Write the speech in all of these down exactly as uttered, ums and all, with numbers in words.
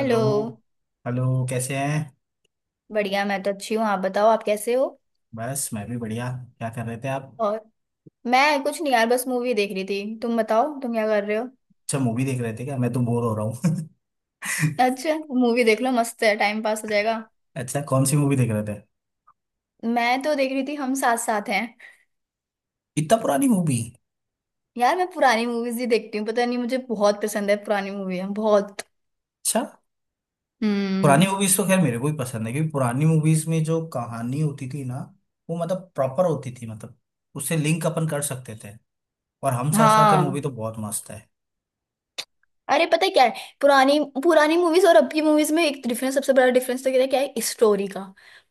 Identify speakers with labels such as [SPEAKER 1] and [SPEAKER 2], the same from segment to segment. [SPEAKER 1] Hello. Hello कैसे हैं?
[SPEAKER 2] बढ़िया मैं तो अच्छी हूँ, आप बताओ आप कैसे हो।
[SPEAKER 1] बस मैं भी बढ़िया। क्या कर रहे थे आप?
[SPEAKER 2] और मैं कुछ नहीं यार, बस मूवी देख रही थी, तुम बताओ तुम क्या कर रहे हो।
[SPEAKER 1] अच्छा, मूवी देख रहे थे क्या? मैं तो बोर हो रहा हूँ।
[SPEAKER 2] अच्छा, मूवी देख लो, मस्त है, टाइम पास हो जाएगा।
[SPEAKER 1] अच्छा, कौन सी मूवी देख रहे थे?
[SPEAKER 2] मैं तो देख रही थी हम साथ साथ हैं।
[SPEAKER 1] इतना पुरानी मूवी?
[SPEAKER 2] यार मैं पुरानी मूवीज ही देखती हूँ, पता नहीं मुझे बहुत पसंद है पुरानी मूवी बहुत।
[SPEAKER 1] अच्छा। पुरानी
[SPEAKER 2] हम्म।
[SPEAKER 1] मूवीज तो खैर मेरे को भी पसंद है, क्योंकि पुरानी मूवीज में जो कहानी होती थी ना, वो मतलब प्रॉपर होती थी, मतलब उससे लिंक अपन कर सकते थे। और हम साथ साथ है मूवी
[SPEAKER 2] हाँ,
[SPEAKER 1] तो बहुत मस्त है।
[SPEAKER 2] अरे पता है क्या है। पुरानी पुरानी मूवीज और अब की मूवीज में एक डिफरेंस, सबसे बड़ा डिफरेंस तो क्या है क्या है स्टोरी का।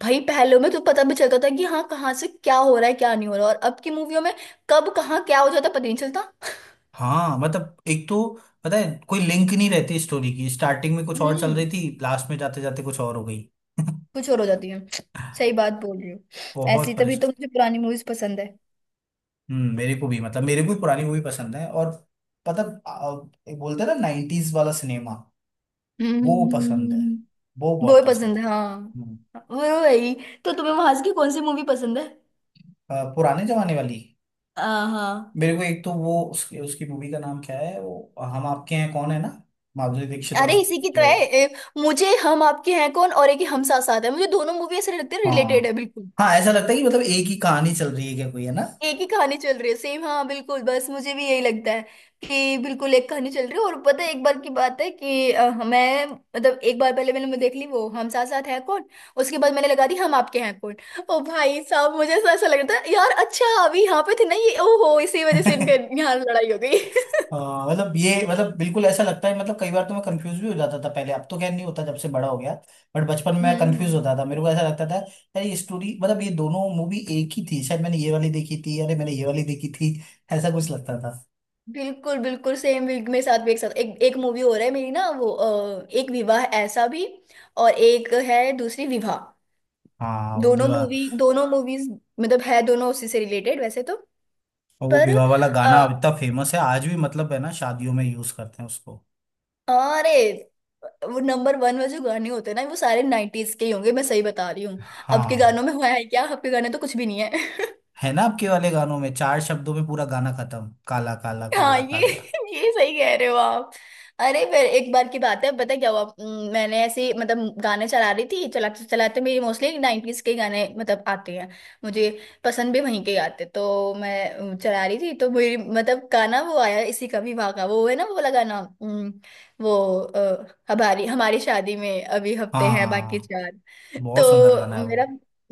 [SPEAKER 2] भाई पहले में तो पता भी चलता था कि हाँ कहाँ से क्या हो रहा है, क्या नहीं हो रहा, और अब की मूवियों में कब कहाँ क्या हो जाता है, पता नहीं चलता।
[SPEAKER 1] हाँ, मतलब एक तो पता है, कोई लिंक नहीं रहती स्टोरी की। स्टार्टिंग में कुछ और चल
[SPEAKER 2] हम्म।
[SPEAKER 1] रही थी, लास्ट में जाते जाते कुछ और हो गई।
[SPEAKER 2] कुछ और हो जाती है। सही बात बोल रही हो। ऐसी
[SPEAKER 1] बहुत
[SPEAKER 2] तभी तो
[SPEAKER 1] परेशान।
[SPEAKER 2] मुझे पुरानी मूवीज पसंद है।
[SPEAKER 1] हम्म मेरे को भी, मतलब मेरे को भी पुरानी मूवी पसंद है, और पता आ, एक बोलते हैं ना, नाइन्टीज वाला सिनेमा।
[SPEAKER 2] हम्म। हम्म।
[SPEAKER 1] वो पसंद है।
[SPEAKER 2] हम्म।
[SPEAKER 1] वो
[SPEAKER 2] हम्म। वो
[SPEAKER 1] बहुत
[SPEAKER 2] ही
[SPEAKER 1] पसंद
[SPEAKER 2] पसंद है,
[SPEAKER 1] है।
[SPEAKER 2] हाँ।
[SPEAKER 1] हम्म,
[SPEAKER 2] वो वही तो तुम्हें वहाज की कौन सी मूवी पसंद है?
[SPEAKER 1] अ, पुराने जमाने वाली।
[SPEAKER 2] आ, हाँ,
[SPEAKER 1] मेरे को एक तो वो उसकी उसकी मूवी का नाम क्या है, वो हम आपके हैं कौन है ना। माधुरी दीक्षित और
[SPEAKER 2] अरे इसी की तो है,
[SPEAKER 1] तो।
[SPEAKER 2] ए, मुझे हम आपके हैं कौन और एक ही हम साथ साथ है, मुझे दोनों मूवी ऐसे लगते हैं रिलेटेड
[SPEAKER 1] हाँ,
[SPEAKER 2] है बिल्कुल।
[SPEAKER 1] हाँ, ऐसा लगता है कि मतलब एक ही कहानी चल रही है क्या, कोई है ना।
[SPEAKER 2] एक ही कहानी चल रही है सेम, हाँ बिल्कुल, बस मुझे भी यही लगता है कि बिल्कुल एक कहानी चल रही है। और पता है, एक बार की बात है कि अ, मैं मतलब एक बार पहले मैंने देख ली वो हम साथ साथ है कौन, उसके बाद मैंने लगा दी हम आपके हैं कौन। ओ भाई साहब, मुझे ऐसा ऐसा लग रहा था यार, अच्छा अभी यहाँ पे थे ना ये, ओहो इसी वजह से इनके यहाँ लड़ाई हो गई।
[SPEAKER 1] हाँ, मतलब ये मतलब बिल्कुल ऐसा लगता है, मतलब कई बार तो मैं कंफ्यूज भी हो जाता था पहले। अब तो खैर नहीं होता, जब से बड़ा हो गया। बट बचपन में मैं
[SPEAKER 2] हम्म।
[SPEAKER 1] कंफ्यूज
[SPEAKER 2] हम्म।
[SPEAKER 1] होता था, मेरे को ऐसा लगता था। यार ये स्टोरी, मतलब ये दोनों मूवी एक ही थी शायद। मैंने ये वाली देखी थी, अरे मैंने ये वाली देखी थी। ऐसा कुछ लगता था।
[SPEAKER 2] बिल्कुल बिल्कुल सेम वीक में साथ भी, एक साथ एक एक मूवी हो रहा है मेरी ना, वो अ, एक विवाह ऐसा भी और एक है दूसरी विवाह।
[SPEAKER 1] हाँ, वो
[SPEAKER 2] दोनों
[SPEAKER 1] विवाह।
[SPEAKER 2] मूवी दोनों मूवीज मतलब है दोनों उसी से रिलेटेड वैसे तो।
[SPEAKER 1] और वो
[SPEAKER 2] पर
[SPEAKER 1] विवाह वाला गाना
[SPEAKER 2] अ,
[SPEAKER 1] अब इतना फेमस है आज भी, मतलब है ना, शादियों में यूज करते हैं उसको।
[SPEAKER 2] अरे, वो नंबर वन में जो गाने होते हैं ना, वो सारे नाइन्टीज के ही होंगे, मैं सही बता रही हूँ। अब के
[SPEAKER 1] हाँ,
[SPEAKER 2] गानों में हुआ है क्या, अब के गाने तो कुछ भी नहीं है।
[SPEAKER 1] है ना, आपके वाले गानों में चार शब्दों में पूरा गाना खत्म, काला काला
[SPEAKER 2] हाँ,
[SPEAKER 1] काला
[SPEAKER 2] ये
[SPEAKER 1] काला।
[SPEAKER 2] ये सही कह रहे हो आप। अरे फिर एक बार की बात है, पता है क्या हुआ, अम, मैंने ऐसे ही, मतलब गाने चला रही थी, चलाते चलाते मेरी मोस्टली नाइन्टीज के गाने मतलब आते हैं मुझे, पसंद भी वहीं के आते, तो मैं अम, चला रही थी, तो मेरी मतलब गाना वो आया इसी का, विवाह का वो है ना वो वाला गाना, अम, वो अ, हमारी हमारी शादी में अभी हफ्ते हैं बाकी
[SPEAKER 1] हाँ,
[SPEAKER 2] चार।
[SPEAKER 1] बहुत सुंदर
[SPEAKER 2] तो
[SPEAKER 1] गाना है
[SPEAKER 2] मेरा
[SPEAKER 1] वो।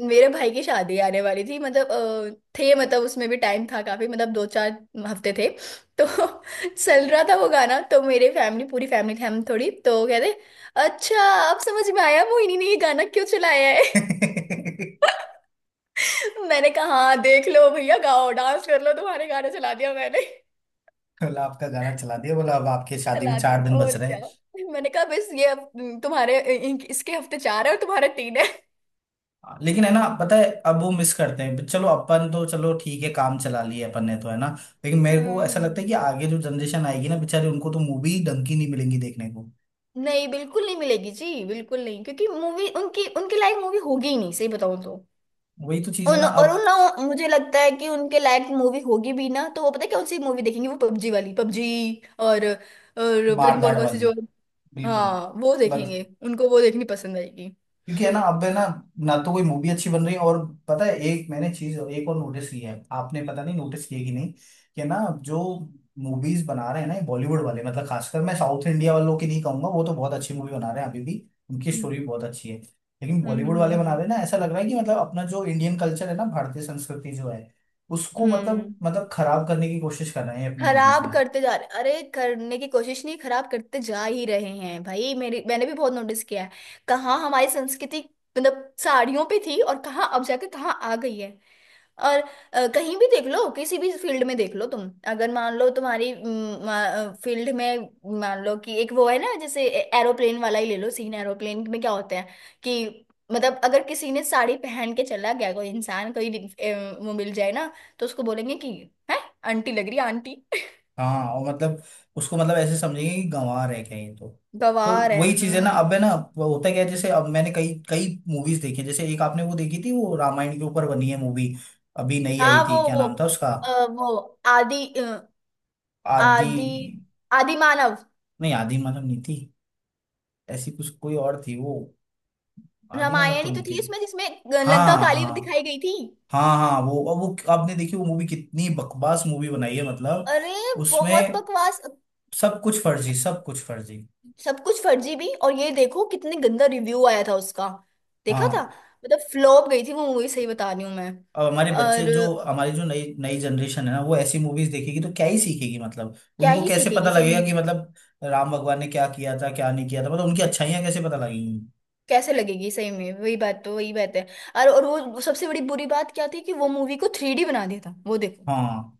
[SPEAKER 2] मेरे भाई की शादी आने वाली थी मतलब, अ, थे मतलब उसमें भी टाइम था काफी, मतलब दो चार हफ्ते थे। तो चल रहा था वो गाना, तो मेरे फैमिली पूरी फैमिली थी, हम थोड़ी तो वो कहते, अच्छा अब समझ में आया मोहिनी ने ये गाना क्यों चलाया है। मैंने कहा हाँ देख लो भैया, गाओ डांस कर लो, तुम्हारे गाना चला दिया मैंने।
[SPEAKER 1] कल आपका गाना चला दिया, बोला अब आपके शादी में
[SPEAKER 2] चला दिया
[SPEAKER 1] चार दिन बच
[SPEAKER 2] और
[SPEAKER 1] रहे
[SPEAKER 2] क्या,
[SPEAKER 1] हैं।
[SPEAKER 2] मैंने कहा बस ये अब तुम्हारे इन- इसके हफ्ते चार है और तुम्हारे तीन है।
[SPEAKER 1] हाँ, लेकिन है ना, पता है अब वो मिस करते हैं। चलो, अपन तो चलो ठीक है, काम चला लिए अपन ने, तो है ना। लेकिन मेरे को ऐसा लगता
[SPEAKER 2] हम्म।
[SPEAKER 1] है कि आगे जो जनरेशन आएगी ना, बेचारे उनको तो मूवी ढंग की नहीं मिलेंगी देखने को।
[SPEAKER 2] नहीं बिल्कुल नहीं मिलेगी जी, बिल्कुल नहीं, क्योंकि मूवी उनकी उनके लायक मूवी होगी ही नहीं, सही बताऊं तो।
[SPEAKER 1] वही तो चीज है
[SPEAKER 2] उन
[SPEAKER 1] ना
[SPEAKER 2] और
[SPEAKER 1] अब।
[SPEAKER 2] उन ना मुझे लगता है कि उनके लायक मूवी होगी भी ना, तो वो पता है कौन सी मूवी देखेंगे, वो पबजी वाली पबजी, और और पता नहीं कौन
[SPEAKER 1] मारधाड़
[SPEAKER 2] कौन सी
[SPEAKER 1] वाली।
[SPEAKER 2] जो।
[SPEAKER 1] बिल्कुल।
[SPEAKER 2] हाँ वो देखेंगे, उनको वो देखनी पसंद आएगी।
[SPEAKER 1] क्योंकि है ना, अब है ना, ना तो कोई मूवी अच्छी बन रही है, और पता है, एक मैंने चीज एक और नोटिस की है, आपने पता नहीं नोटिस की है कि नहीं कि ना, जो मूवीज बना रहे हैं ना बॉलीवुड वाले, मतलब खासकर, मैं साउथ इंडिया वालों की नहीं कहूंगा, वो तो बहुत अच्छी मूवी बना रहे हैं अभी भी। उनकी
[SPEAKER 2] हम्म।
[SPEAKER 1] स्टोरी भी बहुत अच्छी है। लेकिन
[SPEAKER 2] हम्म।
[SPEAKER 1] बॉलीवुड
[SPEAKER 2] हम्म।
[SPEAKER 1] वाले बना
[SPEAKER 2] हम्म।
[SPEAKER 1] रहे हैं ना, ऐसा लग रहा है कि मतलब अपना जो इंडियन कल्चर है ना, भारतीय संस्कृति जो है, उसको मतलब
[SPEAKER 2] हम्म।
[SPEAKER 1] मतलब खराब करने की कोशिश कर रहे हैं अपनी मूवीज
[SPEAKER 2] खराब
[SPEAKER 1] में।
[SPEAKER 2] करते जा रहे, अरे करने की कोशिश नहीं, खराब करते जा ही रहे हैं भाई मेरी, मैंने भी बहुत नोटिस किया है। कहाँ हमारी संस्कृति मतलब साड़ियों पे थी, और कहाँ अब जाके कहाँ आ गई है। और अ, कहीं भी देख लो, किसी भी फील्ड में देख लो, तुम अगर मान लो तुम्हारी फील्ड में मान लो, कि एक वो है ना, जैसे एरोप्लेन वाला ही ले लो, सीन एरोप्लेन में क्या होता है कि, मतलब अगर किसी ने साड़ी पहन के चला गया, कोई इंसान कोई अ, वो मिल जाए ना, तो उसको बोलेंगे कि "हैं? आंटी लग रही है, आंटी
[SPEAKER 1] हाँ, और मतलब उसको मतलब ऐसे समझेंगे कि गंवा रहे कहीं तो। तो
[SPEAKER 2] गवार है"।
[SPEAKER 1] वही चीज है ना,
[SPEAKER 2] हम्म।
[SPEAKER 1] अब है ना, वो होता क्या है, जैसे अब मैंने कई कई मूवीज देखी हैं। जैसे एक आपने वो देखी थी, वो रामायण के ऊपर बनी है मूवी। अभी नई आई
[SPEAKER 2] हाँ
[SPEAKER 1] थी,
[SPEAKER 2] वो
[SPEAKER 1] क्या
[SPEAKER 2] वो
[SPEAKER 1] नाम था उसका?
[SPEAKER 2] अ, वो आदि अ,
[SPEAKER 1] आदि।
[SPEAKER 2] आदि आदि मानव।
[SPEAKER 1] नहीं, आदि मानव नहीं थी। ऐसी कुछ कोई और थी वो। आदि मानव
[SPEAKER 2] रामायण
[SPEAKER 1] तो
[SPEAKER 2] ही तो
[SPEAKER 1] नहीं थी।
[SPEAKER 2] थी उसमें, जिसमें
[SPEAKER 1] हाँ
[SPEAKER 2] लंका काली
[SPEAKER 1] हाँ
[SPEAKER 2] दिखाई गई थी।
[SPEAKER 1] हाँ हाँ, वो अब वो आपने देखी वो मूवी, कितनी बकवास मूवी बनाई है मतलब।
[SPEAKER 2] अरे बहुत
[SPEAKER 1] उसमें
[SPEAKER 2] बकवास,
[SPEAKER 1] सब कुछ फर्जी, सब कुछ फर्जी।
[SPEAKER 2] सब कुछ फर्जी भी, और ये देखो कितने गंदा रिव्यू आया था उसका, देखा था,
[SPEAKER 1] हाँ,
[SPEAKER 2] मतलब फ्लॉप गई थी वो मूवी, सही बता रही हूँ मैं।
[SPEAKER 1] अब हमारे बच्चे
[SPEAKER 2] और
[SPEAKER 1] जो हमारी जो नई नई जनरेशन है ना, वो ऐसी मूवीज देखेगी तो क्या ही सीखेगी, मतलब
[SPEAKER 2] क्या
[SPEAKER 1] उनको
[SPEAKER 2] ही
[SPEAKER 1] कैसे
[SPEAKER 2] सीखेगी
[SPEAKER 1] पता
[SPEAKER 2] सही
[SPEAKER 1] लगेगा
[SPEAKER 2] में,
[SPEAKER 1] कि मतलब राम भगवान ने क्या किया था, क्या नहीं किया था, मतलब उनकी अच्छाइयाँ कैसे पता लगेंगी।
[SPEAKER 2] कैसे लगेगी सही में, वही बात तो, वही बात है। और और वो सबसे बड़ी बुरी बात क्या थी कि वो मूवी को थ्री डी बना दिया था, वो देखो।
[SPEAKER 1] हाँ,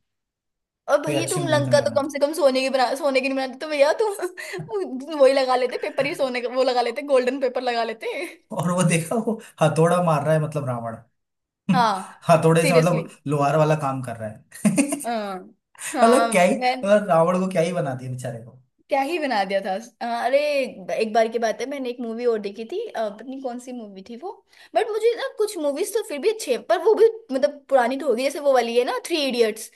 [SPEAKER 2] और
[SPEAKER 1] कोई
[SPEAKER 2] भैया
[SPEAKER 1] अच्छी
[SPEAKER 2] तुम
[SPEAKER 1] मूवी तो
[SPEAKER 2] लंका
[SPEAKER 1] नहीं
[SPEAKER 2] तो कम
[SPEAKER 1] बनाते।
[SPEAKER 2] से कम सोने की बना, सोने की नहीं बनाते तो भैया तुम वो- वही लगा लेते, पेपर ही सोने का वो लगा लेते, गोल्डन पेपर लगा लेते।
[SPEAKER 1] और वो देखा वो हथौड़ा मार रहा है, मतलब रावण।
[SPEAKER 2] हाँ,
[SPEAKER 1] हथौड़े से मतलब
[SPEAKER 2] सीरियसली।
[SPEAKER 1] लोहार वाला काम कर रहा है।
[SPEAKER 2] हाँ। हाँ।
[SPEAKER 1] मतलब क्या ही, मतलब
[SPEAKER 2] मैं
[SPEAKER 1] रावण को क्या ही बना दिया बेचारे को।
[SPEAKER 2] क्या ही बना दिया था। हाँ, अरे एक बार की बात है, मैंने एक मूवी और देखी थी, अ, पता नहीं कौन सी मूवी थी वो। बट मुझे ना कुछ मूवीज तो फिर भी अच्छे हैं, पर वो भी मतलब पुरानी तो होगी, जैसे वो वाली है ना थ्री इडियट्स।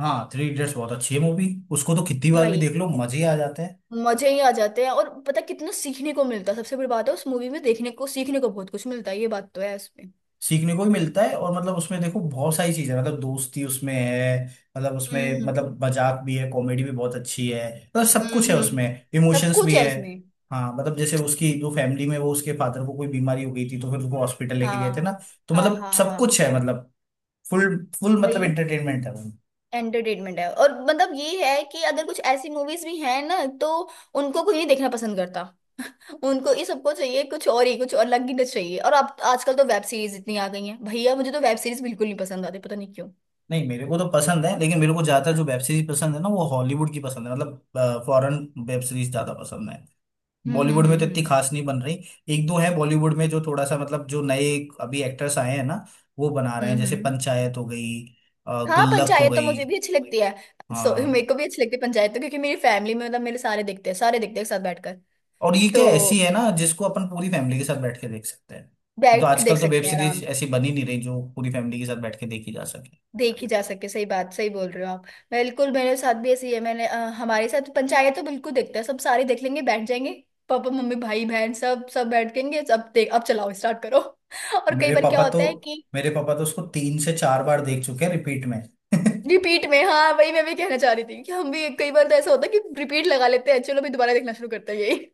[SPEAKER 1] हाँ, थ्री इडियट्स बहुत अच्छी है मूवी। उसको तो कितनी बार भी
[SPEAKER 2] भाई
[SPEAKER 1] देख लो, मजे ही आ जाते हैं।
[SPEAKER 2] मजे ही आ जाते हैं, और पता कितना सीखने को मिलता है, सबसे बड़ी बात है उस मूवी में, देखने को सीखने को बहुत कुछ मिलता है, ये बात तो है इसमें।
[SPEAKER 1] सीखने को ही मिलता है, और मतलब उसमें देखो बहुत सारी चीजें हैं। मतलब दोस्ती उसमें है, मतलब उसमें
[SPEAKER 2] हम्म।
[SPEAKER 1] मतलब मजाक भी है, कॉमेडी भी बहुत अच्छी है, मतलब सब कुछ
[SPEAKER 2] हम्म।
[SPEAKER 1] है
[SPEAKER 2] हम्म।
[SPEAKER 1] उसमें।
[SPEAKER 2] सब
[SPEAKER 1] इमोशंस
[SPEAKER 2] कुछ
[SPEAKER 1] भी
[SPEAKER 2] है
[SPEAKER 1] है।
[SPEAKER 2] उसमें।
[SPEAKER 1] हाँ, मतलब जैसे उसकी जो फैमिली में, वो उसके फादर को कोई बीमारी हो गई थी तो फिर उसको हॉस्पिटल लेके गए थे ना।
[SPEAKER 2] हाँ।
[SPEAKER 1] तो
[SPEAKER 2] हाँ।
[SPEAKER 1] मतलब
[SPEAKER 2] हाँ।
[SPEAKER 1] सब कुछ
[SPEAKER 2] हाँ
[SPEAKER 1] है, मतलब फुल फुल मतलब
[SPEAKER 2] वही
[SPEAKER 1] एंटरटेनमेंट है वो।
[SPEAKER 2] एंटरटेनमेंट है, और मतलब ये है कि अगर कुछ ऐसी मूवीज भी हैं ना, तो उनको कोई नहीं देखना पसंद करता, उनको, ये सबको चाहिए कुछ और ही, कुछ और अलग ही कुछ चाहिए, और अब आजकल तो वेब सीरीज इतनी आ गई हैं भैया, मुझे तो वेब सीरीज बिल्कुल नहीं पसंद आती, पता नहीं क्यों।
[SPEAKER 1] नहीं, मेरे को तो पसंद है, लेकिन मेरे को ज्यादातर जो वेब सीरीज पसंद है ना, वो हॉलीवुड की पसंद है, मतलब फॉरेन वेब सीरीज ज्यादा पसंद है।
[SPEAKER 2] हम्म।
[SPEAKER 1] बॉलीवुड
[SPEAKER 2] हम्म।
[SPEAKER 1] में तो
[SPEAKER 2] हम्म।
[SPEAKER 1] इतनी
[SPEAKER 2] हम्म।
[SPEAKER 1] खास नहीं बन रही। एक दो हैं बॉलीवुड में जो थोड़ा सा, मतलब जो नए अभी एक्टर्स आए हैं ना, वो बना रहे हैं,
[SPEAKER 2] हम्म।
[SPEAKER 1] जैसे
[SPEAKER 2] हम्म।
[SPEAKER 1] पंचायत हो गई, अ,
[SPEAKER 2] हाँ
[SPEAKER 1] गुल्लक हो
[SPEAKER 2] पंचायत तो
[SPEAKER 1] गई।
[SPEAKER 2] मुझे भी अच्छी लगती है। सो मेरे
[SPEAKER 1] हाँ,
[SPEAKER 2] को भी अच्छी लगती है पंचायत तो, क्योंकि मेरी फैमिली में, मतलब मेरे सारे देखते हैं, सारे देखते हैं एक साथ बैठकर।
[SPEAKER 1] और ये क्या ऐसी
[SPEAKER 2] तो
[SPEAKER 1] है ना जिसको अपन पूरी फैमिली के साथ बैठ के देख सकते हैं, तो
[SPEAKER 2] बैठ के
[SPEAKER 1] आजकल
[SPEAKER 2] देख
[SPEAKER 1] तो वेब
[SPEAKER 2] सकते हैं
[SPEAKER 1] सीरीज
[SPEAKER 2] आराम,
[SPEAKER 1] ऐसी बनी नहीं रही जो पूरी फैमिली के साथ बैठ के देखी जा सके।
[SPEAKER 2] देखी जा सके, सही बात, सही बोल रहे हो आप। बिल्कुल मेरे साथ भी ऐसी है, मैंने अ, हमारे साथ पंचायत तो बिल्कुल देखते हैं सब, सारे देख लेंगे, बैठ जाएंगे, पापा मम्मी भाई बहन सब, सब बैठ जाएंगे, अब देख, अब चलाओ, स्टार्ट करो। और कई
[SPEAKER 1] मेरे
[SPEAKER 2] बार क्या
[SPEAKER 1] पापा तो
[SPEAKER 2] होता है कि
[SPEAKER 1] मेरे पापा तो उसको तीन से चार बार देख चुके हैं, रिपीट में।
[SPEAKER 2] रिपीट में, हाँ वही मैं भी कहना चाह रही थी कि हम भी कई बार तो ऐसा होता है कि रिपीट लगा लेते हैं, चलो भी दोबारा देखना शुरू करते हैं यही।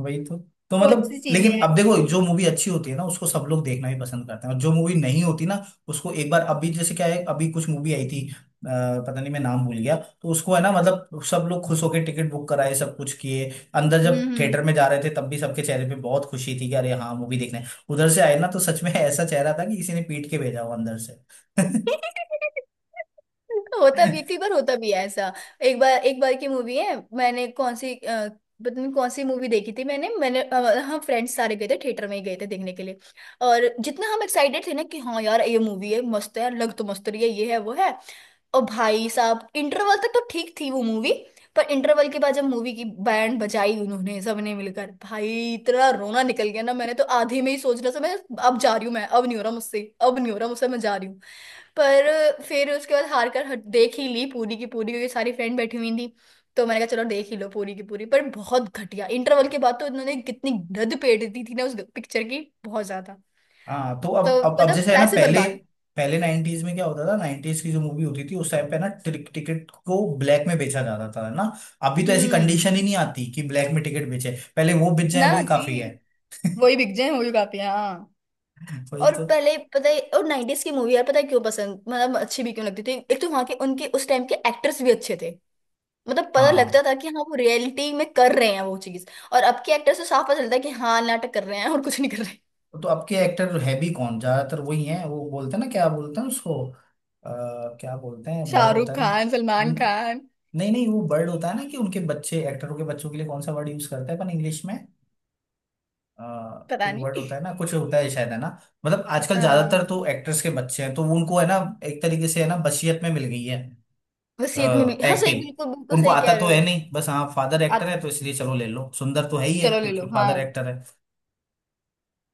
[SPEAKER 1] वही तो। तो
[SPEAKER 2] बहुत सी
[SPEAKER 1] मतलब
[SPEAKER 2] चीजें
[SPEAKER 1] लेकिन
[SPEAKER 2] हैं
[SPEAKER 1] अब
[SPEAKER 2] ऐसी।
[SPEAKER 1] देखो, जो मूवी अच्छी होती है ना उसको सब लोग देखना भी पसंद करते हैं, और जो मूवी नहीं होती ना उसको एक बार, अभी जैसे क्या है, अभी कुछ मूवी आई थी, अ, पता नहीं, मैं नाम भूल गया। तो उसको है ना, मतलब सब लोग खुश होकर टिकट बुक कराए, सब कुछ किए। अंदर जब
[SPEAKER 2] हम्म। हम्म।
[SPEAKER 1] थिएटर में जा रहे थे, तब भी सबके चेहरे पे बहुत खुशी थी कि अरे हाँ मूवी देखने उधर से आए ना, तो सच में ऐसा चेहरा था कि किसी ने पीट के भेजा हो अंदर से।
[SPEAKER 2] होता भी, कई बार होता भी है ऐसा। एक बार एक बार की मूवी है, मैंने कौन सी अ, पता नहीं कौन सी मूवी देखी थी, मैंने मैंने अ, हम फ्रेंड्स सारे गए थे, थिएटर में ही गए थे देखने के लिए। और जितना हम एक्साइटेड थे ना कि हाँ यार ये मूवी है, मस्त है, लग तो मस्त रही है, ये है वो है। ओ भाई साहब, इंटरवल तक तो ठीक थी वो मूवी, पर इंटरवल के बाद जब मूवी की बैंड बजाई उन्होंने सबने मिलकर भाई, इतना रोना निकल गया ना, मैंने तो आधे में ही सोच रहा था मैं, अब जा रही हूँ मैं, अब नहीं हो रहा मुझसे, अब नहीं हो रहा मुझसे, मैं जा रही हूँ। पर फिर उसके बाद हार कर, हट- देख ही ली पूरी की पूरी, क्योंकि सारी फ्रेंड बैठी हुई थी। तो मैंने कहा चलो देख ही लो पूरी की पूरी, पर बहुत घटिया, इंटरवल के बाद तो इन्होंने कितनी गंद पेट दी थी ना उस पिक्चर की, बहुत ज्यादा।
[SPEAKER 1] हाँ, तो अब
[SPEAKER 2] तो
[SPEAKER 1] अब अब
[SPEAKER 2] मतलब
[SPEAKER 1] जैसे है ना,
[SPEAKER 2] पैसे
[SPEAKER 1] पहले
[SPEAKER 2] बर्बाद।
[SPEAKER 1] पहले नाइनटीज में क्या होता था, नाइनटीज की जो मूवी होती थी उस टाइम पे ना, टिक, टिकट को ब्लैक में बेचा जाता था ना। अभी तो ऐसी
[SPEAKER 2] हम्म।
[SPEAKER 1] कंडीशन ही नहीं आती कि ब्लैक में टिकट बेचे, पहले वो बेच जाए
[SPEAKER 2] ना
[SPEAKER 1] वही
[SPEAKER 2] जी,
[SPEAKER 1] काफी है।
[SPEAKER 2] वही बिक जाए वही काफी है, हाँ।
[SPEAKER 1] वही
[SPEAKER 2] और
[SPEAKER 1] तो।
[SPEAKER 2] पहले पता है, और नाइन्टीज की मूवी यार, पता है क्यों पसंद, मतलब अच्छी भी क्यों लगती थी, एक तो वहां के उनके उस टाइम के एक्टर्स भी अच्छे थे, मतलब पता
[SPEAKER 1] हाँ,
[SPEAKER 2] लगता था कि हाँ वो रियलिटी में कर रहे हैं वो चीज। और अब के एक्टर्स से साफ पता चलता है कि हाँ नाटक कर रहे हैं और कुछ नहीं कर रहे।
[SPEAKER 1] तो अब के एक्टर है भी कौन? ज्यादातर वही हैं, वो बोलते हैं ना, क्या बोलते हैं उसको? आ, क्या बोलते हैं, बर्ड होता
[SPEAKER 2] शाहरुख
[SPEAKER 1] है ना,
[SPEAKER 2] खान, सलमान
[SPEAKER 1] न-
[SPEAKER 2] खान,
[SPEAKER 1] नहीं, नहीं, वो बर्ड होता है ना कि उनके बच्चे, एक्टरों के बच्चों के लिए कौन सा वर्ड यूज करते हैं अपन इंग्लिश में? अ,
[SPEAKER 2] पता
[SPEAKER 1] एक वर्ड होता
[SPEAKER 2] नहीं।
[SPEAKER 1] है ना, कुछ होता है शायद, है ना। मतलब आजकल ज्यादातर
[SPEAKER 2] हाँ
[SPEAKER 1] तो एक्टर्स के बच्चे हैं, तो उनको है ना, एक तरीके से है ना, बशियत में मिल गई है
[SPEAKER 2] वसीयत में मिली, हाँ सही,
[SPEAKER 1] एक्टिंग।
[SPEAKER 2] बिल्कुल बिल्कुल
[SPEAKER 1] उनको
[SPEAKER 2] सही
[SPEAKER 1] आता
[SPEAKER 2] कह
[SPEAKER 1] तो
[SPEAKER 2] रहे
[SPEAKER 1] है
[SPEAKER 2] हो।
[SPEAKER 1] नहीं, बस हाँ फादर
[SPEAKER 2] आ,
[SPEAKER 1] एक्टर है तो इसलिए चलो ले लो, सुंदर तो है ही है
[SPEAKER 2] चलो ले लो,
[SPEAKER 1] क्योंकि फादर
[SPEAKER 2] हाँ,
[SPEAKER 1] एक्टर है।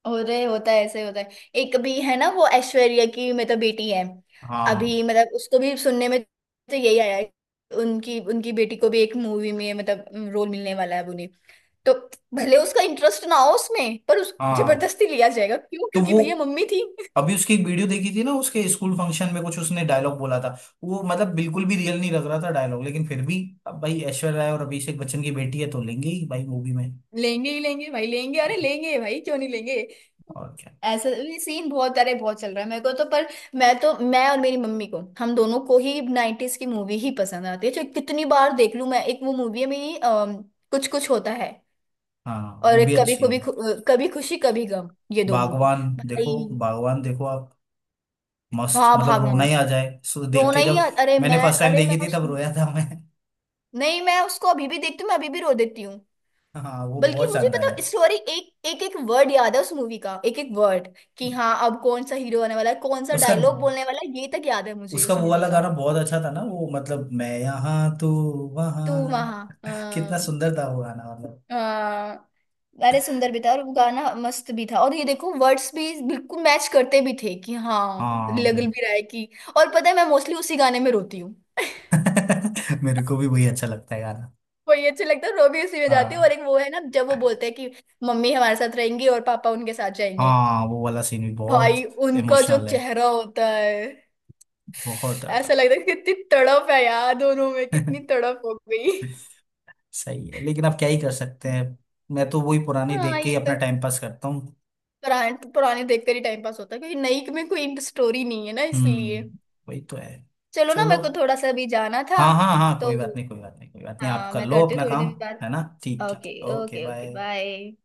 [SPEAKER 2] अरे होता है ऐसे ही होता है। एक भी है ना, वो ऐश्वर्या की मतलब बेटी है,
[SPEAKER 1] हाँ,
[SPEAKER 2] अभी मतलब उसको भी सुनने में तो यही आया है, उनकी उनकी बेटी को भी एक मूवी में मतलब रोल मिलने वाला है अब उन्हें। तो भले उसका इंटरेस्ट ना हो उसमें, पर उस
[SPEAKER 1] हाँ
[SPEAKER 2] जबरदस्ती लिया जाएगा क्यों,
[SPEAKER 1] तो
[SPEAKER 2] क्योंकि
[SPEAKER 1] वो
[SPEAKER 2] भैया मम्मी थी।
[SPEAKER 1] अभी उसकी एक वीडियो देखी थी ना, उसके स्कूल फंक्शन में कुछ उसने डायलॉग बोला था। वो मतलब बिल्कुल भी रियल नहीं लग रहा था डायलॉग, लेकिन फिर भी अब भाई ऐश्वर्या राय और अभिषेक बच्चन की बेटी है तो लेंगे ही भाई मूवी में।
[SPEAKER 2] लेंगे ही लेंगे भाई लेंगे, अरे लेंगे भाई क्यों नहीं लेंगे।
[SPEAKER 1] और क्या।
[SPEAKER 2] ऐसा ये सीन बहुत, अरे बहुत चल रहा है मेरे को तो, पर मैं तो, मैं और मेरी मम्मी को, हम दोनों को ही नाइन्टीज की मूवी ही पसंद आती है, जो कितनी बार देख लूं मैं, एक वो मूवी है मेरी, अम, कुछ कुछ होता है,
[SPEAKER 1] हाँ, वो
[SPEAKER 2] और
[SPEAKER 1] भी
[SPEAKER 2] एक कभी
[SPEAKER 1] अच्छी है।
[SPEAKER 2] कभी, कभी खुशी कभी गम, ये दो मूवी
[SPEAKER 1] बागवान देखो।
[SPEAKER 2] भाई।
[SPEAKER 1] बागवान देखो आप। मस्त,
[SPEAKER 2] हाँ
[SPEAKER 1] मतलब रोना
[SPEAKER 2] भगवान,
[SPEAKER 1] ही आ जाए, सो देख
[SPEAKER 2] रोना
[SPEAKER 1] के
[SPEAKER 2] ही
[SPEAKER 1] जब
[SPEAKER 2] आ- अरे मैं
[SPEAKER 1] मैंने फर्स्ट टाइम
[SPEAKER 2] अरे मैं
[SPEAKER 1] देखी थी
[SPEAKER 2] उस
[SPEAKER 1] तब रोया था मैं।
[SPEAKER 2] नहीं, मैं उसको अभी भी देखती हूँ, मैं अभी भी रो देती हूँ।
[SPEAKER 1] हाँ, वो
[SPEAKER 2] बल्कि
[SPEAKER 1] बहुत
[SPEAKER 2] मुझे
[SPEAKER 1] शानदार
[SPEAKER 2] पता
[SPEAKER 1] है।
[SPEAKER 2] स्टोरी, एक एक एक वर्ड याद है उस मूवी का, एक एक वर्ड, कि हाँ अब कौन सा हीरो आने वाला है, कौन सा
[SPEAKER 1] उसका
[SPEAKER 2] डायलॉग बोलने वाला है, ये तक याद है मुझे
[SPEAKER 1] उसका
[SPEAKER 2] उस
[SPEAKER 1] वो
[SPEAKER 2] मूवी
[SPEAKER 1] वाला
[SPEAKER 2] का।
[SPEAKER 1] गाना बहुत अच्छा था ना, वो मतलब मैं यहाँ, तू
[SPEAKER 2] तू
[SPEAKER 1] वहाँ।
[SPEAKER 2] वहां,
[SPEAKER 1] कितना
[SPEAKER 2] अ,
[SPEAKER 1] सुंदर था वो गाना, मतलब।
[SPEAKER 2] अ, अरे सुंदर भी था, और वो गाना मस्त भी था, और ये देखो वर्ड्स भी बिल्कुल मैच करते भी थे कि हाँ
[SPEAKER 1] हाँ,
[SPEAKER 2] लग
[SPEAKER 1] बिल-
[SPEAKER 2] भी रहा है कि, और पता है मैं मोस्टली उसी गाने में रोती हूँ।
[SPEAKER 1] मेरे को भी वही अच्छा लगता है गाना।
[SPEAKER 2] वही अच्छा लगता है, रो भी उसी में जाती हूँ,
[SPEAKER 1] हाँ,
[SPEAKER 2] और एक वो है ना जब वो बोलते हैं कि मम्मी हमारे साथ रहेंगी और पापा उनके साथ जाएंगे,
[SPEAKER 1] हाँ, वो वाला सीन भी
[SPEAKER 2] भाई
[SPEAKER 1] बहुत
[SPEAKER 2] उनका जो
[SPEAKER 1] इमोशनल है,
[SPEAKER 2] चेहरा होता है,
[SPEAKER 1] बहुत
[SPEAKER 2] ऐसा
[SPEAKER 1] ज्यादा।
[SPEAKER 2] लगता है कितनी तड़प है यार, दोनों में कितनी तड़प हो गई।
[SPEAKER 1] सही है, लेकिन आप क्या ही कर सकते हैं। मैं तो वही पुरानी
[SPEAKER 2] हाँ
[SPEAKER 1] देख के ही
[SPEAKER 2] ये तो,
[SPEAKER 1] अपना टाइम पास करता हूँ।
[SPEAKER 2] पुराने पुराने देखते ही टाइम पास होता है, क्योंकि नई में कोई स्टोरी नहीं है ना, इसलिए।
[SPEAKER 1] हम्म, वही तो है।
[SPEAKER 2] चलो ना,
[SPEAKER 1] चलो,
[SPEAKER 2] मेरे को थोड़ा सा अभी जाना था।
[SPEAKER 1] हाँ हाँ हाँ,
[SPEAKER 2] तो
[SPEAKER 1] कोई बात नहीं, कोई बात नहीं, कोई बात नहीं, आप
[SPEAKER 2] हाँ
[SPEAKER 1] कर
[SPEAKER 2] मैं
[SPEAKER 1] लो
[SPEAKER 2] करती हूँ
[SPEAKER 1] अपना
[SPEAKER 2] थोड़ी
[SPEAKER 1] काम।
[SPEAKER 2] देर बाद।
[SPEAKER 1] है ना, ठीक ठीक,
[SPEAKER 2] okay.
[SPEAKER 1] Okay
[SPEAKER 2] okay, okay,
[SPEAKER 1] bye.
[SPEAKER 2] Bye.